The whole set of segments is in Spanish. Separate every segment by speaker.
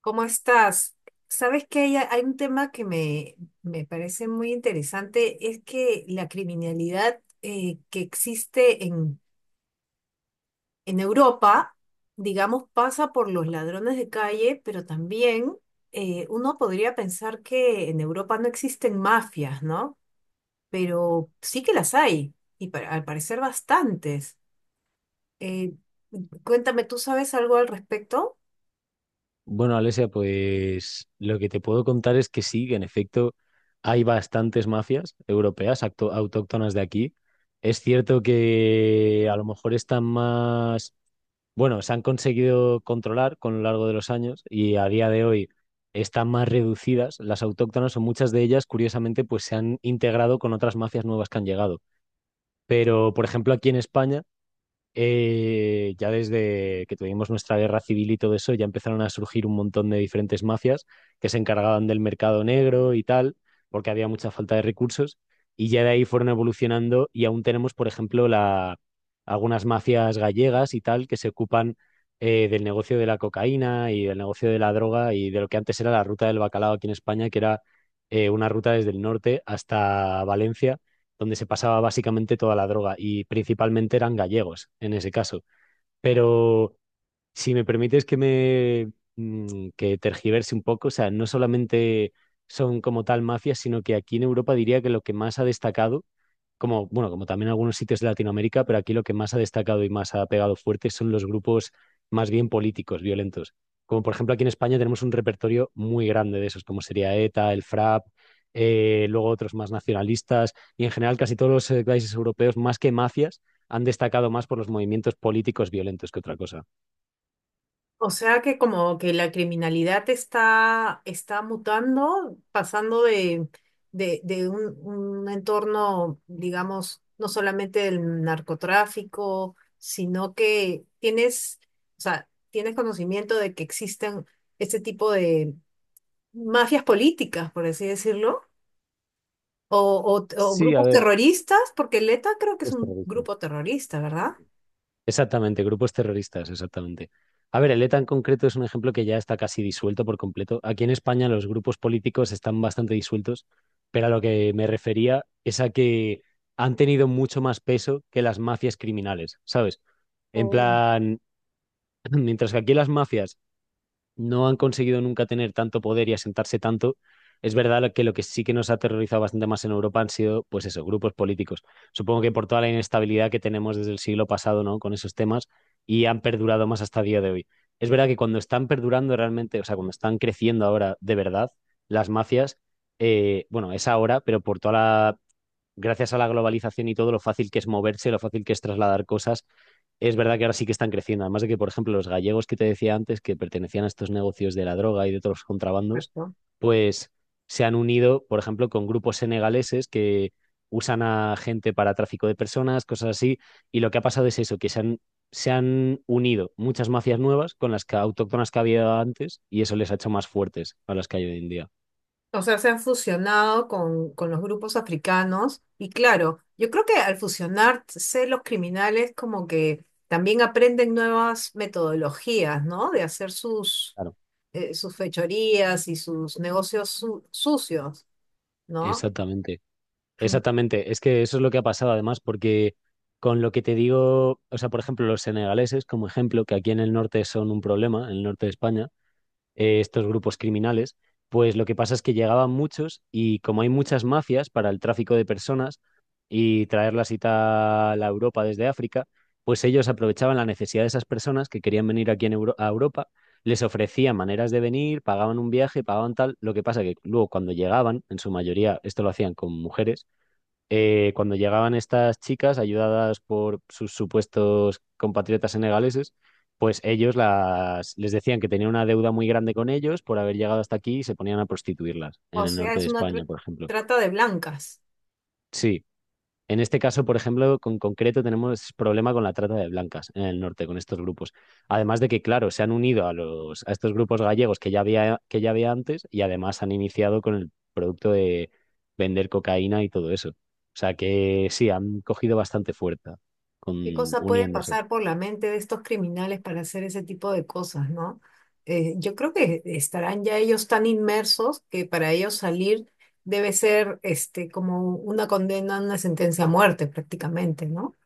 Speaker 1: ¿Cómo estás? Sabes que hay un tema que me parece muy interesante, es que la criminalidad que existe en Europa, digamos, pasa por los ladrones de calle, pero también uno podría pensar que en Europa no existen mafias, ¿no? Pero sí que las hay, y al parecer bastantes. Eh, Cuéntame, ¿tú sabes algo al respecto?
Speaker 2: Bueno, Alesia, pues lo que te puedo contar es que sí, que en efecto hay bastantes mafias europeas autóctonas de aquí. Es cierto que a lo mejor están más, bueno, se han conseguido controlar con lo largo de los años y a día de hoy están más reducidas. Las autóctonas o muchas de ellas, curiosamente, pues se han integrado con otras mafias nuevas que han llegado. Pero, por ejemplo, aquí en España ya desde que tuvimos nuestra guerra civil y todo eso, ya empezaron a surgir un montón de diferentes mafias que se encargaban del mercado negro y tal, porque había mucha falta de recursos, y ya de ahí fueron evolucionando y aún tenemos, por ejemplo, algunas mafias gallegas y tal que se ocupan del negocio de la cocaína y del negocio de la droga y de lo que antes era la ruta del bacalao aquí en España, que era una ruta desde el norte hasta Valencia donde se pasaba básicamente toda la droga y principalmente eran gallegos en ese caso. Pero si me permites que tergiverse un poco, o sea, no solamente son como tal mafias, sino que aquí en Europa diría que lo que más ha destacado, como bueno, como también en algunos sitios de Latinoamérica, pero aquí lo que más ha destacado y más ha pegado fuerte son los grupos más bien políticos, violentos. Como por ejemplo aquí en España tenemos un repertorio muy grande de esos, como sería ETA, el FRAP, luego otros más nacionalistas y en general casi todos los países europeos, más que mafias, han destacado más por los movimientos políticos violentos que otra cosa.
Speaker 1: O sea que como que la criminalidad está mutando, pasando de un entorno, digamos, no solamente del narcotráfico, sino que tienes, o sea, tienes conocimiento de que existen este tipo de mafias políticas, por así decirlo, o, o
Speaker 2: Sí, a
Speaker 1: grupos
Speaker 2: ver,
Speaker 1: terroristas, porque el ETA creo que es
Speaker 2: grupos
Speaker 1: un
Speaker 2: terroristas.
Speaker 1: grupo terrorista, ¿verdad?
Speaker 2: Exactamente, grupos terroristas, exactamente. A ver, el ETA en concreto es un ejemplo que ya está casi disuelto por completo. Aquí en España los grupos políticos están bastante disueltos, pero a lo que me refería es a que han tenido mucho más peso que las mafias criminales, ¿sabes? En
Speaker 1: Oh,
Speaker 2: plan, mientras que aquí las mafias no han conseguido nunca tener tanto poder y asentarse tanto. Es verdad lo que sí que nos ha aterrorizado bastante más en Europa han sido, pues eso, grupos políticos. Supongo que por toda la inestabilidad que tenemos desde el siglo pasado, ¿no? Con esos temas y han perdurado más hasta día de hoy. Es verdad que cuando están perdurando realmente, o sea, cuando están creciendo ahora de verdad las mafias, bueno, es ahora, pero por toda la gracias a la globalización y todo lo fácil que es moverse, lo fácil que es trasladar cosas, es verdad que ahora sí que están creciendo. Además de que, por ejemplo, los gallegos que te decía antes, que pertenecían a estos negocios de la droga y de todos los contrabandos,
Speaker 1: perfecto.
Speaker 2: pues se han unido, por ejemplo, con grupos senegaleses que usan a gente para tráfico de personas, cosas así. Y lo que ha pasado es eso, que se han unido muchas mafias nuevas con las que, autóctonas que había antes y eso les ha hecho más fuertes a las que hay hoy en día.
Speaker 1: O sea, se han fusionado con los grupos africanos y claro, yo creo que al fusionarse los criminales como que también aprenden nuevas metodologías, ¿no? De hacer
Speaker 2: Claro,
Speaker 1: sus fechorías y sus negocios sucios, ¿no?
Speaker 2: exactamente. Exactamente, es que eso es lo que ha pasado además, porque con lo que te digo, o sea, por ejemplo, los senegaleses, como ejemplo, que aquí en el norte son un problema, en el norte de España, estos grupos criminales, pues lo que pasa es que llegaban muchos y como hay muchas mafias para el tráfico de personas y traerlas y tal a Europa desde África, pues ellos aprovechaban la necesidad de esas personas que querían venir aquí a Europa, les ofrecían maneras de venir, pagaban un viaje, pagaban tal, lo que pasa que luego cuando llegaban, en su mayoría esto lo hacían con mujeres, cuando llegaban estas chicas, ayudadas por sus supuestos compatriotas senegaleses, pues ellos les decían que tenían una deuda muy grande con ellos por haber llegado hasta aquí y se ponían a prostituirlas en
Speaker 1: O
Speaker 2: el
Speaker 1: sea,
Speaker 2: norte de
Speaker 1: es una
Speaker 2: España, por ejemplo.
Speaker 1: trata de blancas.
Speaker 2: Sí. En este caso, por ejemplo, con concreto tenemos problema con la trata de blancas en el norte, con estos grupos. Además de que, claro, se han unido a los, a estos grupos gallegos que ya había antes y además han iniciado con el producto de vender cocaína y todo eso. O sea que sí, han cogido bastante fuerza con,
Speaker 1: ¿Qué cosa puede
Speaker 2: uniéndose.
Speaker 1: pasar por la mente de estos criminales para hacer ese tipo de cosas, ¿no? Yo creo que estarán ya ellos tan inmersos que para ellos salir debe ser este, como una condena, una sentencia a muerte prácticamente, ¿no?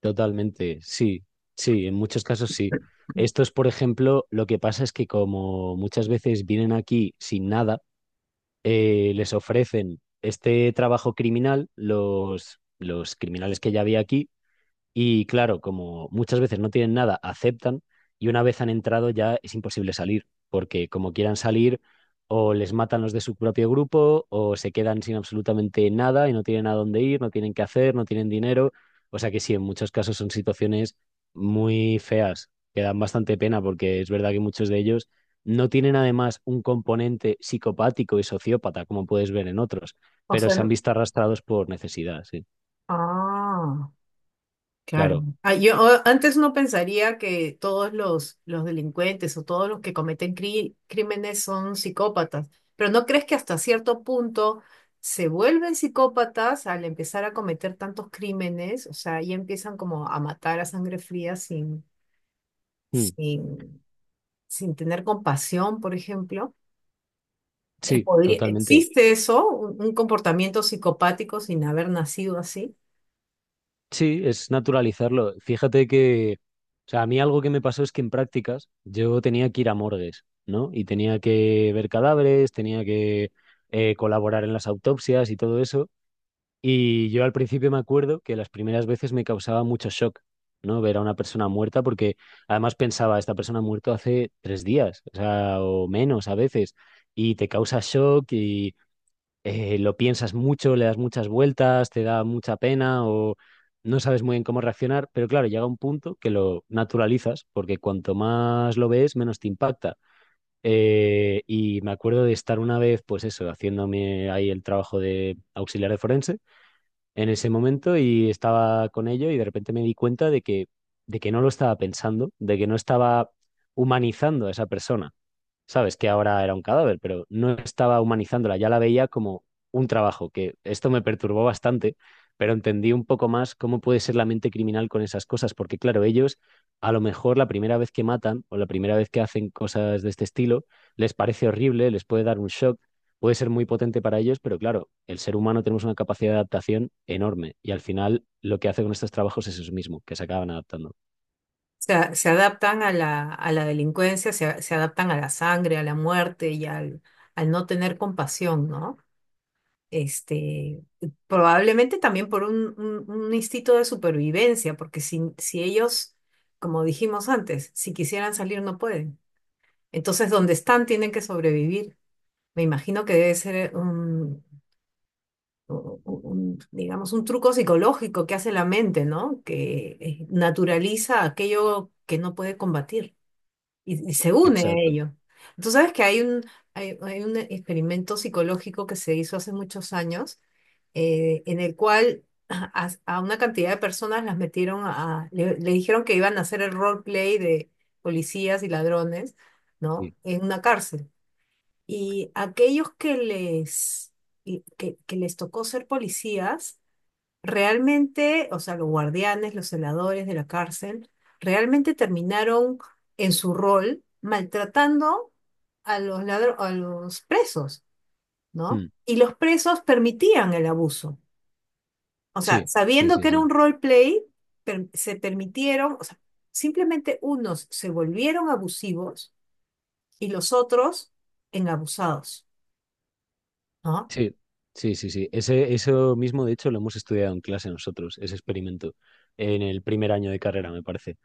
Speaker 2: Totalmente, sí, sí, en muchos casos sí. Estos, por ejemplo, lo que pasa es que como muchas veces vienen aquí sin nada, les ofrecen este trabajo criminal, los criminales que ya había aquí, y claro, como muchas veces no tienen nada, aceptan y una vez han entrado ya es imposible salir, porque como quieran salir, o les matan los de su propio grupo, o se quedan sin absolutamente nada y no tienen a dónde ir, no tienen qué hacer, no tienen dinero. O sea que sí, en muchos casos son situaciones muy feas, que dan bastante pena, porque es verdad que muchos de ellos no tienen además un componente psicopático y sociópata, como puedes ver en otros,
Speaker 1: O
Speaker 2: pero
Speaker 1: sea,
Speaker 2: se han visto arrastrados por necesidad, sí,
Speaker 1: ah. Claro.
Speaker 2: claro.
Speaker 1: Ah, antes no pensaría que todos los delincuentes o todos los que cometen crímenes son psicópatas, pero ¿no crees que hasta cierto punto se vuelven psicópatas al empezar a cometer tantos crímenes? O sea, ya empiezan como a matar a sangre fría
Speaker 2: Mm,
Speaker 1: sin, sin tener compasión, por ejemplo.
Speaker 2: sí, totalmente.
Speaker 1: ¿Existe eso, un comportamiento psicopático sin haber nacido así?
Speaker 2: Sí, es naturalizarlo. Fíjate que, o sea, a mí algo que me pasó es que en prácticas yo tenía que ir a morgues, ¿no? Y tenía que ver cadáveres, tenía que colaborar en las autopsias y todo eso. Y yo al principio me acuerdo que las primeras veces me causaba mucho shock, ¿no? Ver a una persona muerta, porque además pensaba, esta persona ha muerto hace 3 días, o sea, o menos a veces, y te causa shock lo piensas mucho, le das muchas vueltas, te da mucha pena o no sabes muy bien cómo reaccionar, pero claro, llega un punto que lo naturalizas porque cuanto más lo ves, menos te impacta. Y me acuerdo de estar una vez, pues eso, haciéndome ahí el trabajo de auxiliar de forense en ese momento y estaba con ello y de repente me di cuenta de que, no lo estaba pensando, de que no estaba humanizando a esa persona, sabes que ahora era un cadáver, pero no estaba humanizándola, ya la veía como un trabajo, que esto me perturbó bastante, pero entendí un poco más cómo puede ser la mente criminal con esas cosas, porque claro, ellos a lo mejor la primera vez que matan o la primera vez que hacen cosas de este estilo les parece horrible, les puede dar un shock, puede ser muy potente para ellos, pero claro, el ser humano tenemos una capacidad de adaptación enorme y al final lo que hace con estos trabajos es eso mismo, que se acaban adaptando.
Speaker 1: Se adaptan a a la delincuencia, se adaptan a la sangre, a la muerte y al no tener compasión, ¿no? Este, probablemente también por un instinto de supervivencia, porque si ellos, como dijimos antes, si quisieran salir no pueden. Entonces, donde están tienen que sobrevivir. Me imagino que debe ser digamos, un truco psicológico que hace la mente, ¿no? Que naturaliza aquello que no puede combatir. Y se une a
Speaker 2: Exacto.
Speaker 1: ello. Tú sabes que hay un experimento psicológico que se hizo hace muchos años, en el cual a una cantidad de personas las metieron a, le dijeron que iban a hacer el roleplay de policías y ladrones, ¿no?
Speaker 2: Sí,
Speaker 1: En una cárcel. Y aquellos que que les tocó ser policías, realmente, o sea, los guardianes, los celadores de la cárcel, realmente terminaron en su rol maltratando a los a los presos, ¿no?
Speaker 2: mm,
Speaker 1: Y los presos permitían el abuso. O sea,
Speaker 2: sí, sí,
Speaker 1: sabiendo
Speaker 2: sí,
Speaker 1: que era
Speaker 2: sí.
Speaker 1: un roleplay, se permitieron, o sea, simplemente unos se volvieron abusivos y los otros en abusados, ¿no?
Speaker 2: Sí, sí, sí, sí. Eso mismo, de hecho, lo hemos estudiado en clase nosotros, ese experimento, en el primer año de carrera, me parece.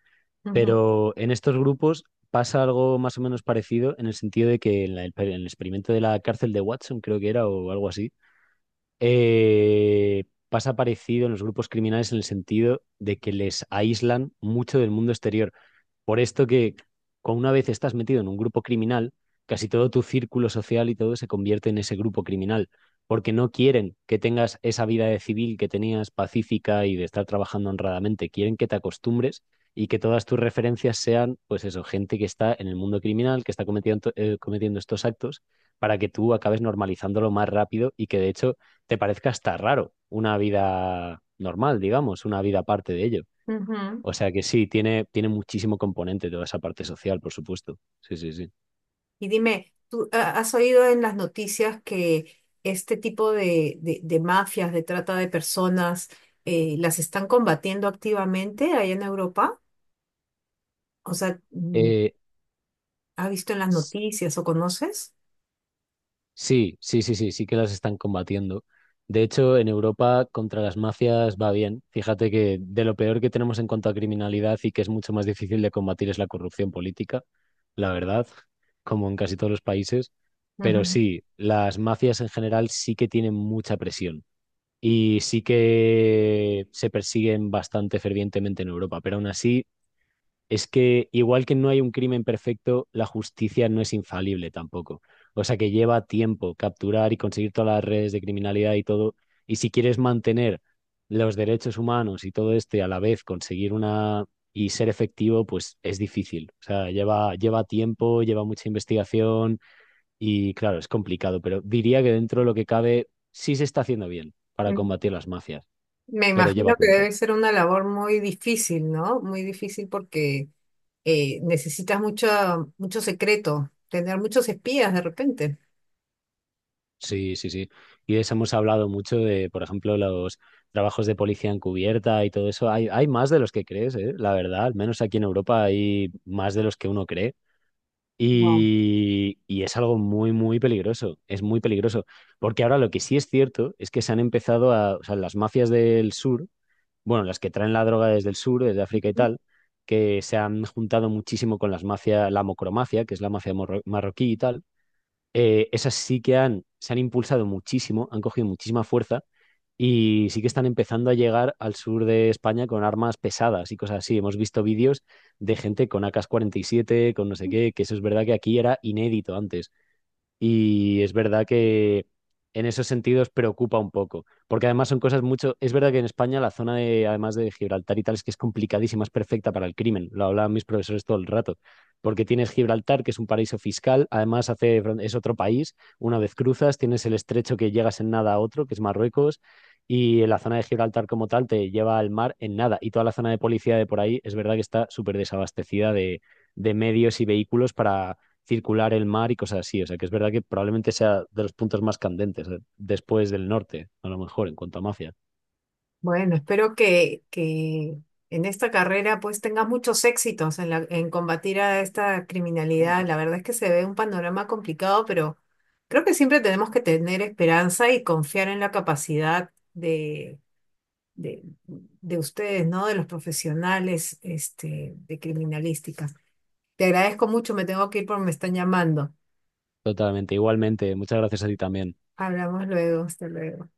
Speaker 1: Ujú,
Speaker 2: Pero en estos grupos pasa algo más o menos parecido en el sentido de que en el experimento de la cárcel de Watson, creo que era, o algo así, eh, pasa parecido en los grupos criminales en el sentido de que les aíslan mucho del mundo exterior. Por esto que con una vez estás metido en un grupo criminal, casi todo tu círculo social y todo se convierte en ese grupo criminal, porque no quieren que tengas esa vida de civil que tenías pacífica y de estar trabajando honradamente, quieren que te acostumbres y que todas tus referencias sean, pues eso, gente que está en el mundo criminal, que está cometiendo, cometiendo estos actos, para que tú acabes normalizándolo más rápido y que de hecho te parezca hasta raro una vida normal, digamos, una vida aparte de ello.
Speaker 1: ujú.
Speaker 2: O sea que sí, tiene muchísimo componente toda esa parte social, por supuesto. Sí, sí, sí.
Speaker 1: Y dime, ¿tú has oído en las noticias que este tipo de mafias, de trata de personas, las están combatiendo activamente allá en Europa? O sea, mm,
Speaker 2: Eh,
Speaker 1: ¿has visto en las
Speaker 2: s-
Speaker 1: noticias o conoces?
Speaker 2: sí, sí, sí, sí, sí que las están combatiendo. De hecho, en Europa contra las mafias va bien. Fíjate que de lo peor que tenemos en cuanto a criminalidad y que es mucho más difícil de combatir es la corrupción política, la verdad, como en casi todos los países. Pero
Speaker 1: Ujú.
Speaker 2: sí, las mafias en general sí que tienen mucha presión y sí que se persiguen bastante fervientemente en Europa, pero aún así es que igual que no hay un crimen perfecto, la justicia no es infalible tampoco. O sea que lleva tiempo capturar y conseguir todas las redes de criminalidad y todo. Y si quieres mantener los derechos humanos y todo este a la vez, conseguir una y ser efectivo, pues es difícil. O sea, lleva tiempo, lleva mucha investigación y claro, es complicado, pero diría que dentro de lo que cabe sí se está haciendo bien para
Speaker 1: Mm.
Speaker 2: combatir las mafias,
Speaker 1: Me
Speaker 2: pero
Speaker 1: imagino
Speaker 2: lleva
Speaker 1: que
Speaker 2: tiempo.
Speaker 1: debe ser una labor muy difícil, ¿no? Muy difícil porque necesitas mucho secreto, tener muchos espías de repente.
Speaker 2: Sí, sí, sí. Y de eso hemos hablado mucho de, por ejemplo, los trabajos de policía encubierta y todo eso. Hay más de los que crees, ¿eh? La verdad, al menos aquí en Europa hay más de los que uno cree.
Speaker 1: No.
Speaker 2: Y es algo muy, muy peligroso. Es muy peligroso. Porque ahora lo que sí es cierto es que se han empezado o sea, las mafias del sur, bueno, las que traen la droga desde el sur, desde África y tal, que se han juntado muchísimo con las mafias, la mocromacia, que es la mafia marroquí y tal, esas sí que se han impulsado muchísimo, han cogido muchísima fuerza y sí que están empezando a llegar al sur de España con armas pesadas y cosas así. Hemos visto vídeos de gente con AK-47, con no sé qué, que eso es verdad que aquí era inédito antes. Y es verdad que en esos sentidos preocupa un poco, porque además son cosas mucho... Es verdad que en España la zona de, además de Gibraltar y tal, es que es complicadísima, es perfecta para el crimen. Lo hablaban mis profesores todo el rato, porque tienes Gibraltar, que es un paraíso fiscal, además hace, es otro país, una vez cruzas, tienes el estrecho que llegas en nada a otro, que es Marruecos, y la zona de Gibraltar como tal te lleva al mar en nada. Y toda la zona de policía de por ahí es verdad que está súper desabastecida de, medios y vehículos para circular el mar y cosas así. O sea, que es verdad que probablemente sea de los puntos más candentes, después del norte, a lo mejor, en cuanto a mafia.
Speaker 1: Bueno, espero que en esta carrera pues tengas muchos éxitos en en combatir a esta criminalidad. La verdad es que se ve un panorama complicado, pero creo que siempre tenemos que tener esperanza y confiar en la capacidad de ustedes, ¿no? De los profesionales, este, de criminalística. Te agradezco mucho, me tengo que ir porque me están llamando.
Speaker 2: Totalmente. Igualmente, muchas gracias a ti también.
Speaker 1: Hablamos luego, hasta luego.